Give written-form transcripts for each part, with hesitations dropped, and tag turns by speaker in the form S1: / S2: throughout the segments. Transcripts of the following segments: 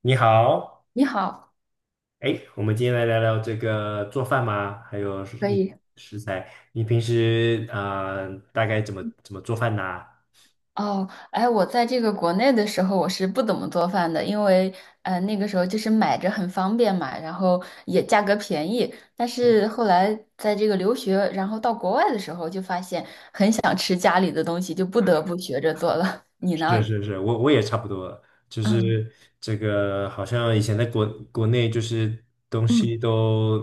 S1: 你好。
S2: 你好，
S1: 哎，我们今天来聊聊这个做饭吗？还有食
S2: 可以
S1: 食材，你平时啊，大概怎么做饭呢？
S2: 哦。哎，我在这个国内的时候，我是不怎么做饭的，因为那个时候就是买着很方便嘛，然后也价格便宜。但
S1: 是，
S2: 是后来在这个留学，然后到国外的时候，就发现想吃家里的东西，就不得不学着做了。你
S1: 是
S2: 呢？
S1: 是是，我也差不多了，就
S2: 嗯
S1: 是这个好像以前在国内就是东西
S2: 嗯
S1: 都，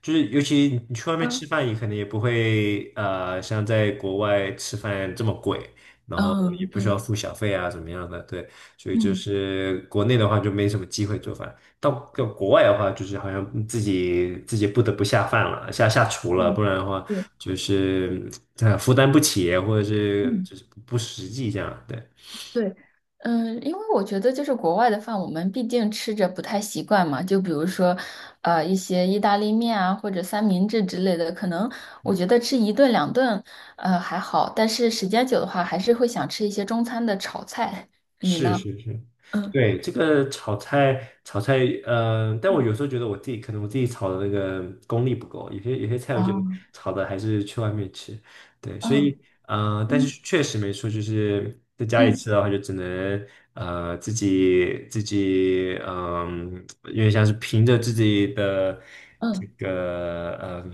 S1: 就是尤其你去外面
S2: 嗯
S1: 吃饭，也可能也不会像在国外吃饭这么贵，然后也
S2: 嗯，
S1: 不需要
S2: 对，
S1: 付小费啊怎么样的，对。所以就
S2: 嗯
S1: 是国内的话就没什么机会做饭，到到国外的话就是好像自己不得不下饭了，下厨了，
S2: 嗯
S1: 不然的话
S2: 对。
S1: 就是负担不起，或者是
S2: 嗯
S1: 就是不实际这样，对。
S2: 对，嗯，因为我觉得就是国外的饭，我们毕竟吃着不太习惯嘛。就比如说，一些意大利面啊，或者三明治之类的，可能我觉得吃一顿两顿，还好。但是时间久的话，还是会想吃一些中餐的炒菜。你
S1: 是
S2: 呢？
S1: 是是，
S2: 嗯
S1: 对，这个炒菜，但我有
S2: 嗯
S1: 时候觉得我自己可能我自己炒的那个功力不够，有些菜我觉得
S2: 啊
S1: 炒的还是去外面吃，对。所
S2: 啊
S1: 以但
S2: 嗯
S1: 是确实没错，就是在家里
S2: 嗯
S1: 吃的话，就只能自己嗯、因为像是凭着自己的这
S2: 嗯
S1: 个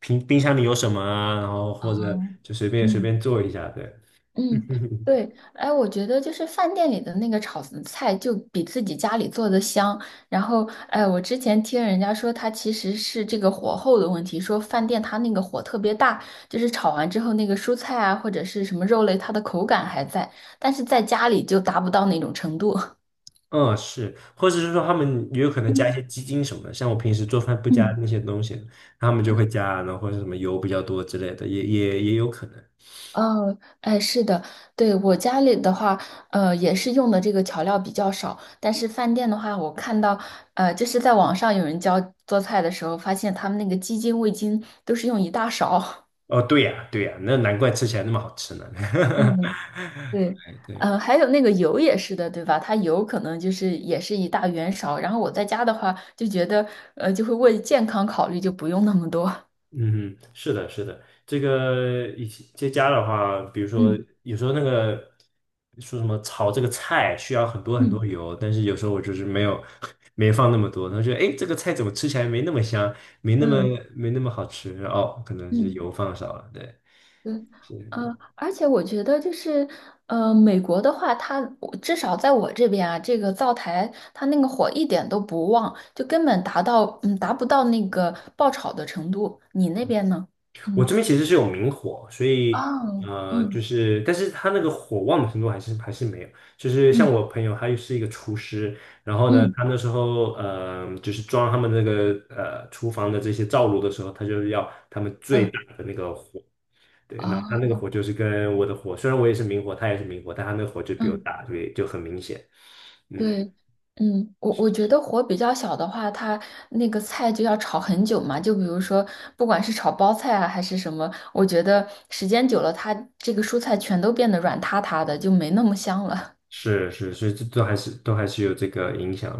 S1: 冰箱里有什么啊，然后
S2: 啊
S1: 或者就随便随
S2: 嗯。
S1: 便做一下，对。
S2: 嗯，对，哎，我觉得就是饭店里的那个炒的菜就比自己家里做的香。然后，哎，我之前听人家说，它其实是这个火候的问题，说饭店它那个火特别大，就是炒完之后那个蔬菜啊或者是什么肉类，它的口感还在，但是在家里就达不到那种程度。
S1: 嗯，是，或者是说他们也有可能加一些 鸡精什么的，像我平时做饭不加
S2: 嗯
S1: 那些东西，他们就会
S2: 嗯。
S1: 加，然后或者什么油比较多之类的，也有可能。
S2: 哦，哎，是的，对，我家里的话，也是用的这个调料比较少，但是饭店的话，我看到，就是在网上有人教做菜的时候，发现他们那个鸡精、味精都是用一大勺。
S1: 哦，对呀，对呀，那难怪吃起来那么好吃呢。
S2: 嗯，对，
S1: 哎，对。
S2: 还有那个油也是的，对吧？它油可能就是也是一大圆勺，然后我在家的话就觉得，就会为健康考虑，就不用那么多。
S1: 嗯哼，是的，是的，这个以前在家的话，比如说
S2: 嗯
S1: 有时候那个说什么炒这个菜需要很多很
S2: 嗯
S1: 多油，但是有时候我就是没有 没放那么多，然后觉得哎，诶这个菜怎么吃起来没那么香，没那么
S2: 嗯
S1: 没那么好吃，哦，可能是
S2: 嗯。
S1: 油放少了，对。
S2: 对，
S1: 是，
S2: 而且我觉得就是，美国的话，它我至少在我这边啊，这个灶台它那个火一点都不旺，就根本达到，嗯，达不到那个爆炒的程度。你那边呢？
S1: 我这
S2: 嗯，
S1: 边其实是有明火，所
S2: 啊，
S1: 以就
S2: 嗯
S1: 是但是他那个火旺的程度还是没有。就是像
S2: 嗯
S1: 我朋友，他又是一个厨师，然后呢，
S2: 嗯
S1: 他那时候就是装他们那个厨房的这些灶炉的时候，他就是要他们最
S2: 嗯，
S1: 大。对，然后他
S2: 啊，
S1: 那个火就是跟我的火，虽然我也是明火，他也是明火，但他那个火就比我
S2: 嗯。
S1: 大，所以就很明显。嗯。
S2: 对，嗯，我觉得火比较小的话，它那个菜就要炒很久嘛。就比如说，不管是炒包菜啊，还是什么，我觉得时间久了，它这个蔬菜全都变得软塌塌的，就没那么香了。
S1: 是是，所以这都还是有这个影响。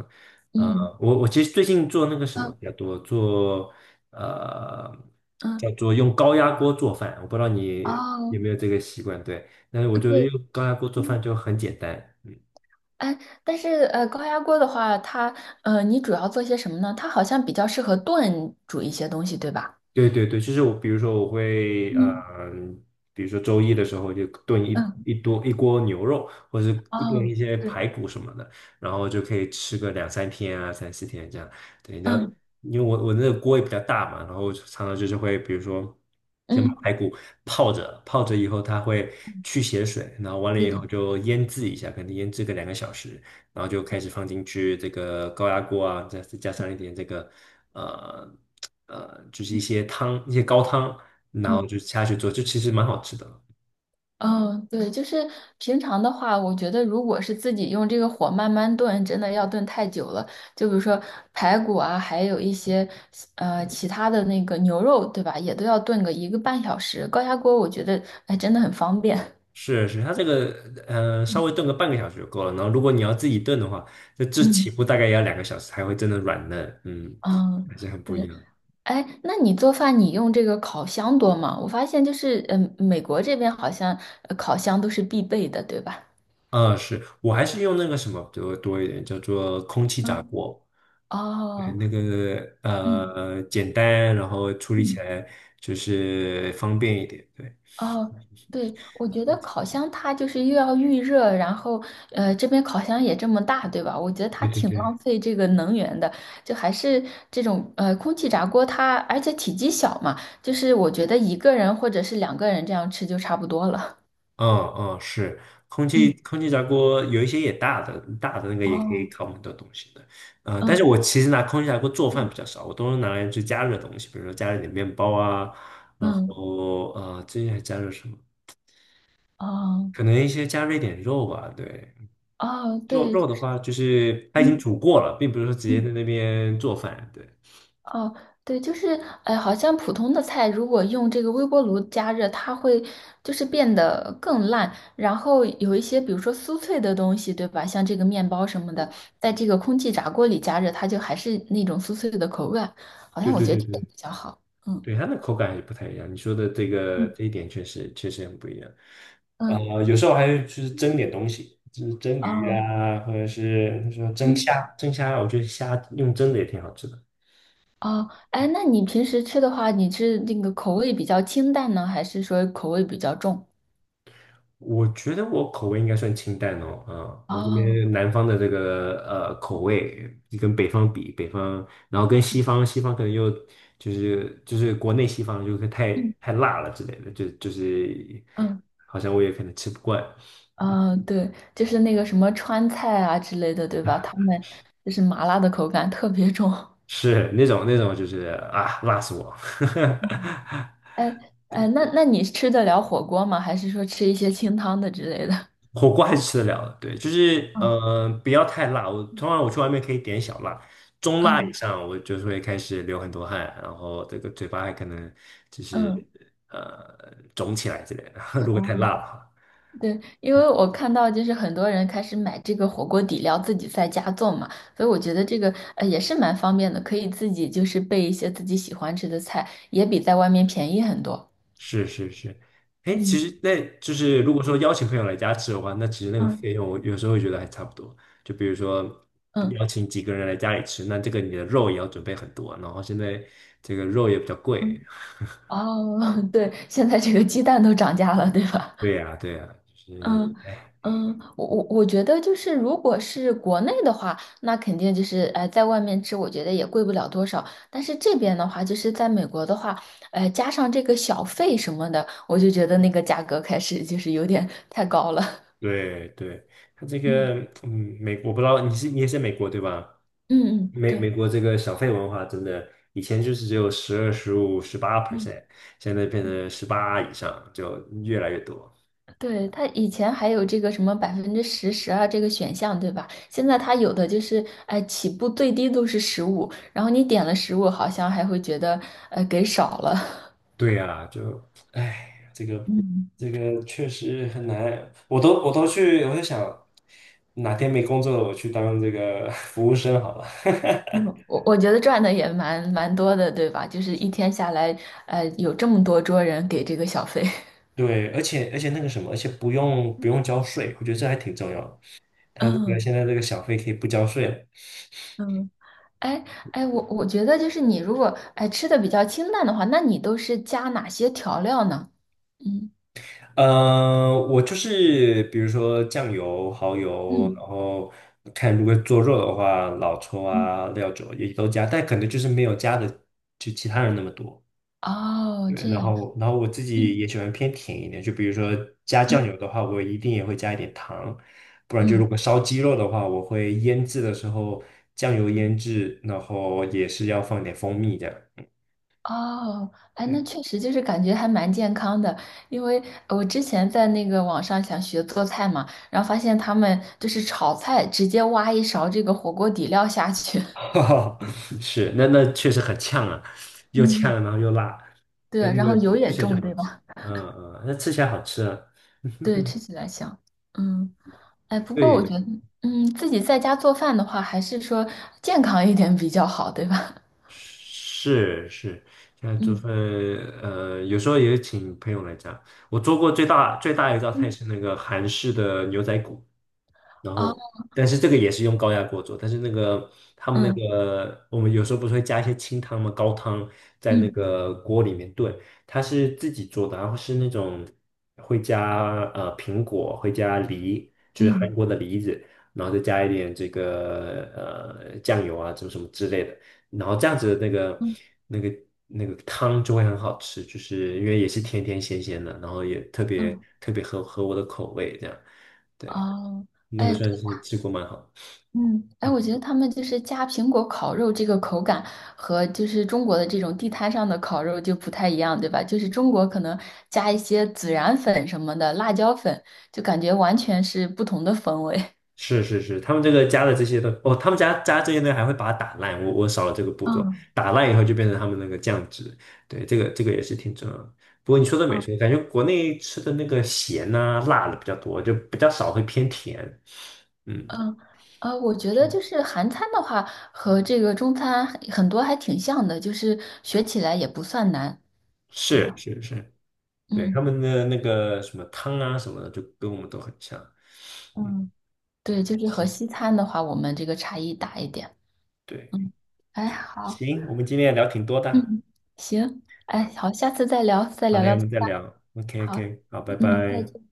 S2: 嗯
S1: 我其实最近做那个什么
S2: 嗯
S1: 比较多，做呃叫
S2: 嗯，
S1: 做用高压锅做饭，我不知道你
S2: 哦，
S1: 有没有这个习惯。对，但是我
S2: 呃
S1: 觉得
S2: 对，
S1: 用高压锅做
S2: 嗯，
S1: 饭就很简单。嗯，
S2: 哎，但是高压锅的话，它你主要做些什么呢？它好像比较适合炖煮一些东西，对吧？
S1: 对对对，就是我，比如说我会，
S2: 嗯
S1: 呃，比如说周一的时候就炖一
S2: 嗯，
S1: 一多一锅牛肉，或者是炖
S2: 哦，
S1: 一些
S2: 对，
S1: 排骨什么的，然后就可以吃个两三天啊，三四天这样。对。然后
S2: 嗯
S1: 因为我那个锅也比较大嘛，然后我就常常就是会，比如说先把
S2: 嗯，
S1: 排骨泡着，泡着以后它会去血水，然后完了
S2: 对
S1: 以
S2: 的。
S1: 后就腌制一下，可能腌制个两个小时。然后就开始放进去这个高压锅啊，再加上一点这个呃就是一些汤，一些高汤，然
S2: 嗯
S1: 后就下去做，就其实蛮好吃的。
S2: 嗯，对，就是平常的话，我觉得如果是自己用这个火慢慢炖，真的要炖太久了。就比如说排骨啊，还有一些其他的那个牛肉，对吧？也都要炖个一个半小时。高压锅我觉得哎真的很方便。
S1: 是是，它这个呃稍微炖个半个小时就够了。然后如果你要自己炖的话，这 这起
S2: 嗯
S1: 步大概也要两个小时才会真的软嫩，嗯，
S2: 嗯，
S1: 还是很不一
S2: 对。
S1: 样。
S2: 哎，那你做饭你用这个烤箱多吗？我发现就是嗯，美国这边好像烤箱都是必备的，对吧？
S1: 啊、是我还是用那个什么多多一点，叫做空气炸
S2: 嗯，
S1: 锅。就是
S2: 哦，
S1: 那个
S2: 嗯
S1: 呃简单，然后处理起
S2: 嗯。
S1: 来就是方便一点。对，
S2: 哦，对，我觉得烤箱它就是又要预热，然后这边烤箱也这么大，对吧？我觉得它
S1: 对对
S2: 挺浪
S1: 对，
S2: 费这个能源的，就还是这种空气炸锅它，而且体积小嘛，就是我觉得一个人或者是两个人这样吃就差不多了。
S1: 嗯嗯，是空 气
S2: 嗯，
S1: 空气炸锅有一些也大的，大的那个也可以
S2: 哦，
S1: 烤很多东西的。但是
S2: 嗯
S1: 我其实拿空气炸锅做饭
S2: 嗯
S1: 比较少，我都是拿来去加热东西，比如说加热点面包啊，然
S2: 嗯，
S1: 后最近还加热什么？
S2: 哦
S1: 可能一些加热一点肉吧，对。
S2: 哦，
S1: 肉
S2: 对，
S1: 肉的
S2: 就是
S1: 话，就是它已经
S2: 嗯。
S1: 煮过了，并不是说直接在
S2: 嗯
S1: 那边做饭。对，
S2: 哦，对，就是，哎，好像普通的菜如果用这个微波炉加热，它会就是变得更烂。然后有一些，比如说酥脆的东西，对吧？像这个面包什么的，在这个空气炸锅里加热，它就还是那种酥脆的口感。好
S1: 对
S2: 像我
S1: 对
S2: 觉得
S1: 对
S2: 这点
S1: 对。
S2: 比较好。嗯
S1: 对，它的口感还是不太一样。你说的这个
S2: 嗯，
S1: 这一点确实很不一样。啊、
S2: 嗯，
S1: 有时候还就是蒸点东西，就是蒸鱼
S2: 哦，
S1: 啊，或者是说蒸
S2: 嗯
S1: 虾，蒸虾，我觉得虾用蒸的也挺好吃的。
S2: 哦，哎，那你平时吃的话，你是那个口味比较清淡呢，还是说口味比较重？
S1: 我觉得我口味应该算清淡哦。啊、我这
S2: 哦，
S1: 边南方的这个呃口味跟北方比，北方，然后跟西方，西方可能又就是国内西方就是太
S2: 嗯
S1: 太辣了之类的，就是
S2: 嗯。
S1: 好像我也可能吃不惯。
S2: 嗯，对，就是那个什么川菜啊之类的，对吧？他们就是麻辣的口感特别重。
S1: 是那种就是啊，辣死我！
S2: 哎哎，那你吃得了火锅吗？还是说吃一些清汤的之类的？
S1: 火锅还是吃得了的，对，就是
S2: 嗯
S1: 嗯，不要太辣。我通常我去外面可以点小辣，中辣以
S2: 嗯
S1: 上我就是会开始流很多汗，然后这个嘴巴还可能就是
S2: 嗯
S1: 肿起来之类的。如果太
S2: 哦，
S1: 辣了。
S2: 对，因为我看到就是很多人开始买这个火锅底料自己在家做嘛，所以我觉得这个也是蛮方便的，可以自己就是备一些自己喜欢吃的菜，也比在外面便宜很多。
S1: 是是是。哎，其
S2: 嗯
S1: 实那就是如果说邀请朋友来家吃的话，那其实那个
S2: 嗯
S1: 费用我有时候会觉得还差不多。就比如说
S2: 嗯
S1: 邀请几个人来家里吃，那这个你的肉也要准备很多，然后现在这个肉也比较贵。
S2: 嗯。哦，对，现在这个鸡蛋都涨价了，对吧？
S1: 对呀，对呀，就是
S2: 嗯
S1: 哎，
S2: 嗯，我觉得就是，如果是国内的话，那肯定就是，在外面吃，我觉得也贵不了多少。但是这边的话，就是在美国的话，加上这个小费什么的，我就觉得那个价格开始就是有点太高了。
S1: 对对，他这
S2: 嗯
S1: 个嗯，我不知道你是你也是美国对吧？
S2: 嗯嗯，
S1: 美
S2: 对，
S1: 美国这个小费文化真的，以前就是只有十二、十五、十八
S2: 嗯。
S1: percent，现在变成18以上，就越来越多。
S2: 对，他以前还有这个什么10%、12%这个选项，对吧？现在他有的就是，哎，起步最低都是十五，然后你点了十五，好像还会觉得，给少了。
S1: 对呀、就哎，这个
S2: 嗯。
S1: 这个确实很难。我都去，我在想，哪天没工作了，我去当这个 服务生好了。
S2: 嗯，我觉得赚的也蛮多的，对吧？就是一天下来，有这么多桌人给这个小费。
S1: 对，而且那个什么，而且不用交税，我觉得这还挺重要的。他这个
S2: 嗯
S1: 现在这个小费可以不交税了。
S2: 嗯，哎哎，我觉得就是你如果哎吃的比较清淡的话，那你都是加哪些调料呢？嗯
S1: 呃我就是比如说酱油、蚝油，
S2: 嗯，
S1: 然后,看如果做肉的话，老抽
S2: 嗯，
S1: 啊、料酒也都加，但可能就是没有加的就其他人那么多。
S2: 哦，
S1: 对，
S2: 这
S1: 然
S2: 样，
S1: 后然后我自己
S2: 嗯
S1: 也喜欢偏甜一点，就比如说加酱
S2: 嗯
S1: 油的话，我一定也会加一点糖，不然就
S2: 嗯。
S1: 如果烧鸡肉的话，我会腌制的时候酱油腌制，然后也是要放点蜂蜜这样。
S2: 哦，哎，那
S1: 对，
S2: 确实就是感觉还蛮健康的，因为我之前在那个网上想学做菜嘛，然后发现他们就是炒菜，直接挖一勺这个火锅底料下去，
S1: 是，那确实很呛啊，又呛
S2: 嗯，
S1: 然后又辣，
S2: 对，
S1: 但那
S2: 然
S1: 个
S2: 后油
S1: 吃
S2: 也
S1: 起来就
S2: 重，
S1: 好
S2: 对
S1: 吃。
S2: 吧？
S1: 嗯嗯，那吃起来好吃啊。
S2: 对，吃 起来香。嗯，哎，不过我觉
S1: 对，
S2: 得，嗯，自己在家做饭的话，还是说健康一点比较好，对吧？
S1: 是是，现在 做
S2: 嗯
S1: 饭，有时候也请朋友来家。我做过最大最大一道菜
S2: 嗯，
S1: 是那个韩式的牛仔骨，然
S2: 啊
S1: 后但是这个也是用高压锅做，但是那个他们那
S2: 嗯
S1: 个我们有时候不是会加一些清汤嘛，高汤在那
S2: 嗯
S1: 个锅里面炖，它是自己做的，然后是那种会加苹果，会加梨，就是韩
S2: 嗯
S1: 国的梨子，然后再加一点这个酱油啊，什么什么之类的。然后这样子的那个
S2: 嗯
S1: 那个那个汤就会很好吃，就是因为也是甜甜咸咸的，然后也特别
S2: 嗯，
S1: 特别合我的口味，这样，对，
S2: 啊，
S1: 那个
S2: 哎。
S1: 算是吃过蛮好的。
S2: 嗯，哎，
S1: 嗯，
S2: 我觉得他们就是加苹果烤肉这个口感和就是中国的这种地摊上的烤肉就不太一样，对吧？就是中国可能加一些孜然粉什么的，辣椒粉，就感觉完全是不同的风味。
S1: 是是是，他们这个加了这些东哦，他们加这些呢还会把它打烂，我少了这个 步骤，
S2: 嗯
S1: 打烂以后就变成他们那个酱汁，对，这个也是挺重要的。不过你说的没
S2: 嗯
S1: 错，感觉国内吃的那个咸呐、辣的比较多，就比较少会偏甜。嗯，
S2: 嗯，我觉得就是韩餐的话和这个中餐很多还挺像的，就是学起来也不算难，对
S1: 是
S2: 吧？
S1: 是是。对，
S2: 嗯，
S1: 他们的那个什么汤啊什么的，就跟我们都很像。嗯，
S2: 嗯，对，就是和
S1: 行，
S2: 西餐的话，我们这个差异大一点。
S1: 对，
S2: 嗯，哎，好。
S1: 行，我们今天也聊挺多的。
S2: 嗯，行，哎，好，下次再聊，再
S1: 好
S2: 聊
S1: 嘞，我
S2: 聊。
S1: 们再聊。
S2: 好，
S1: OK，OK，好，拜
S2: 嗯，再
S1: 拜。
S2: 见。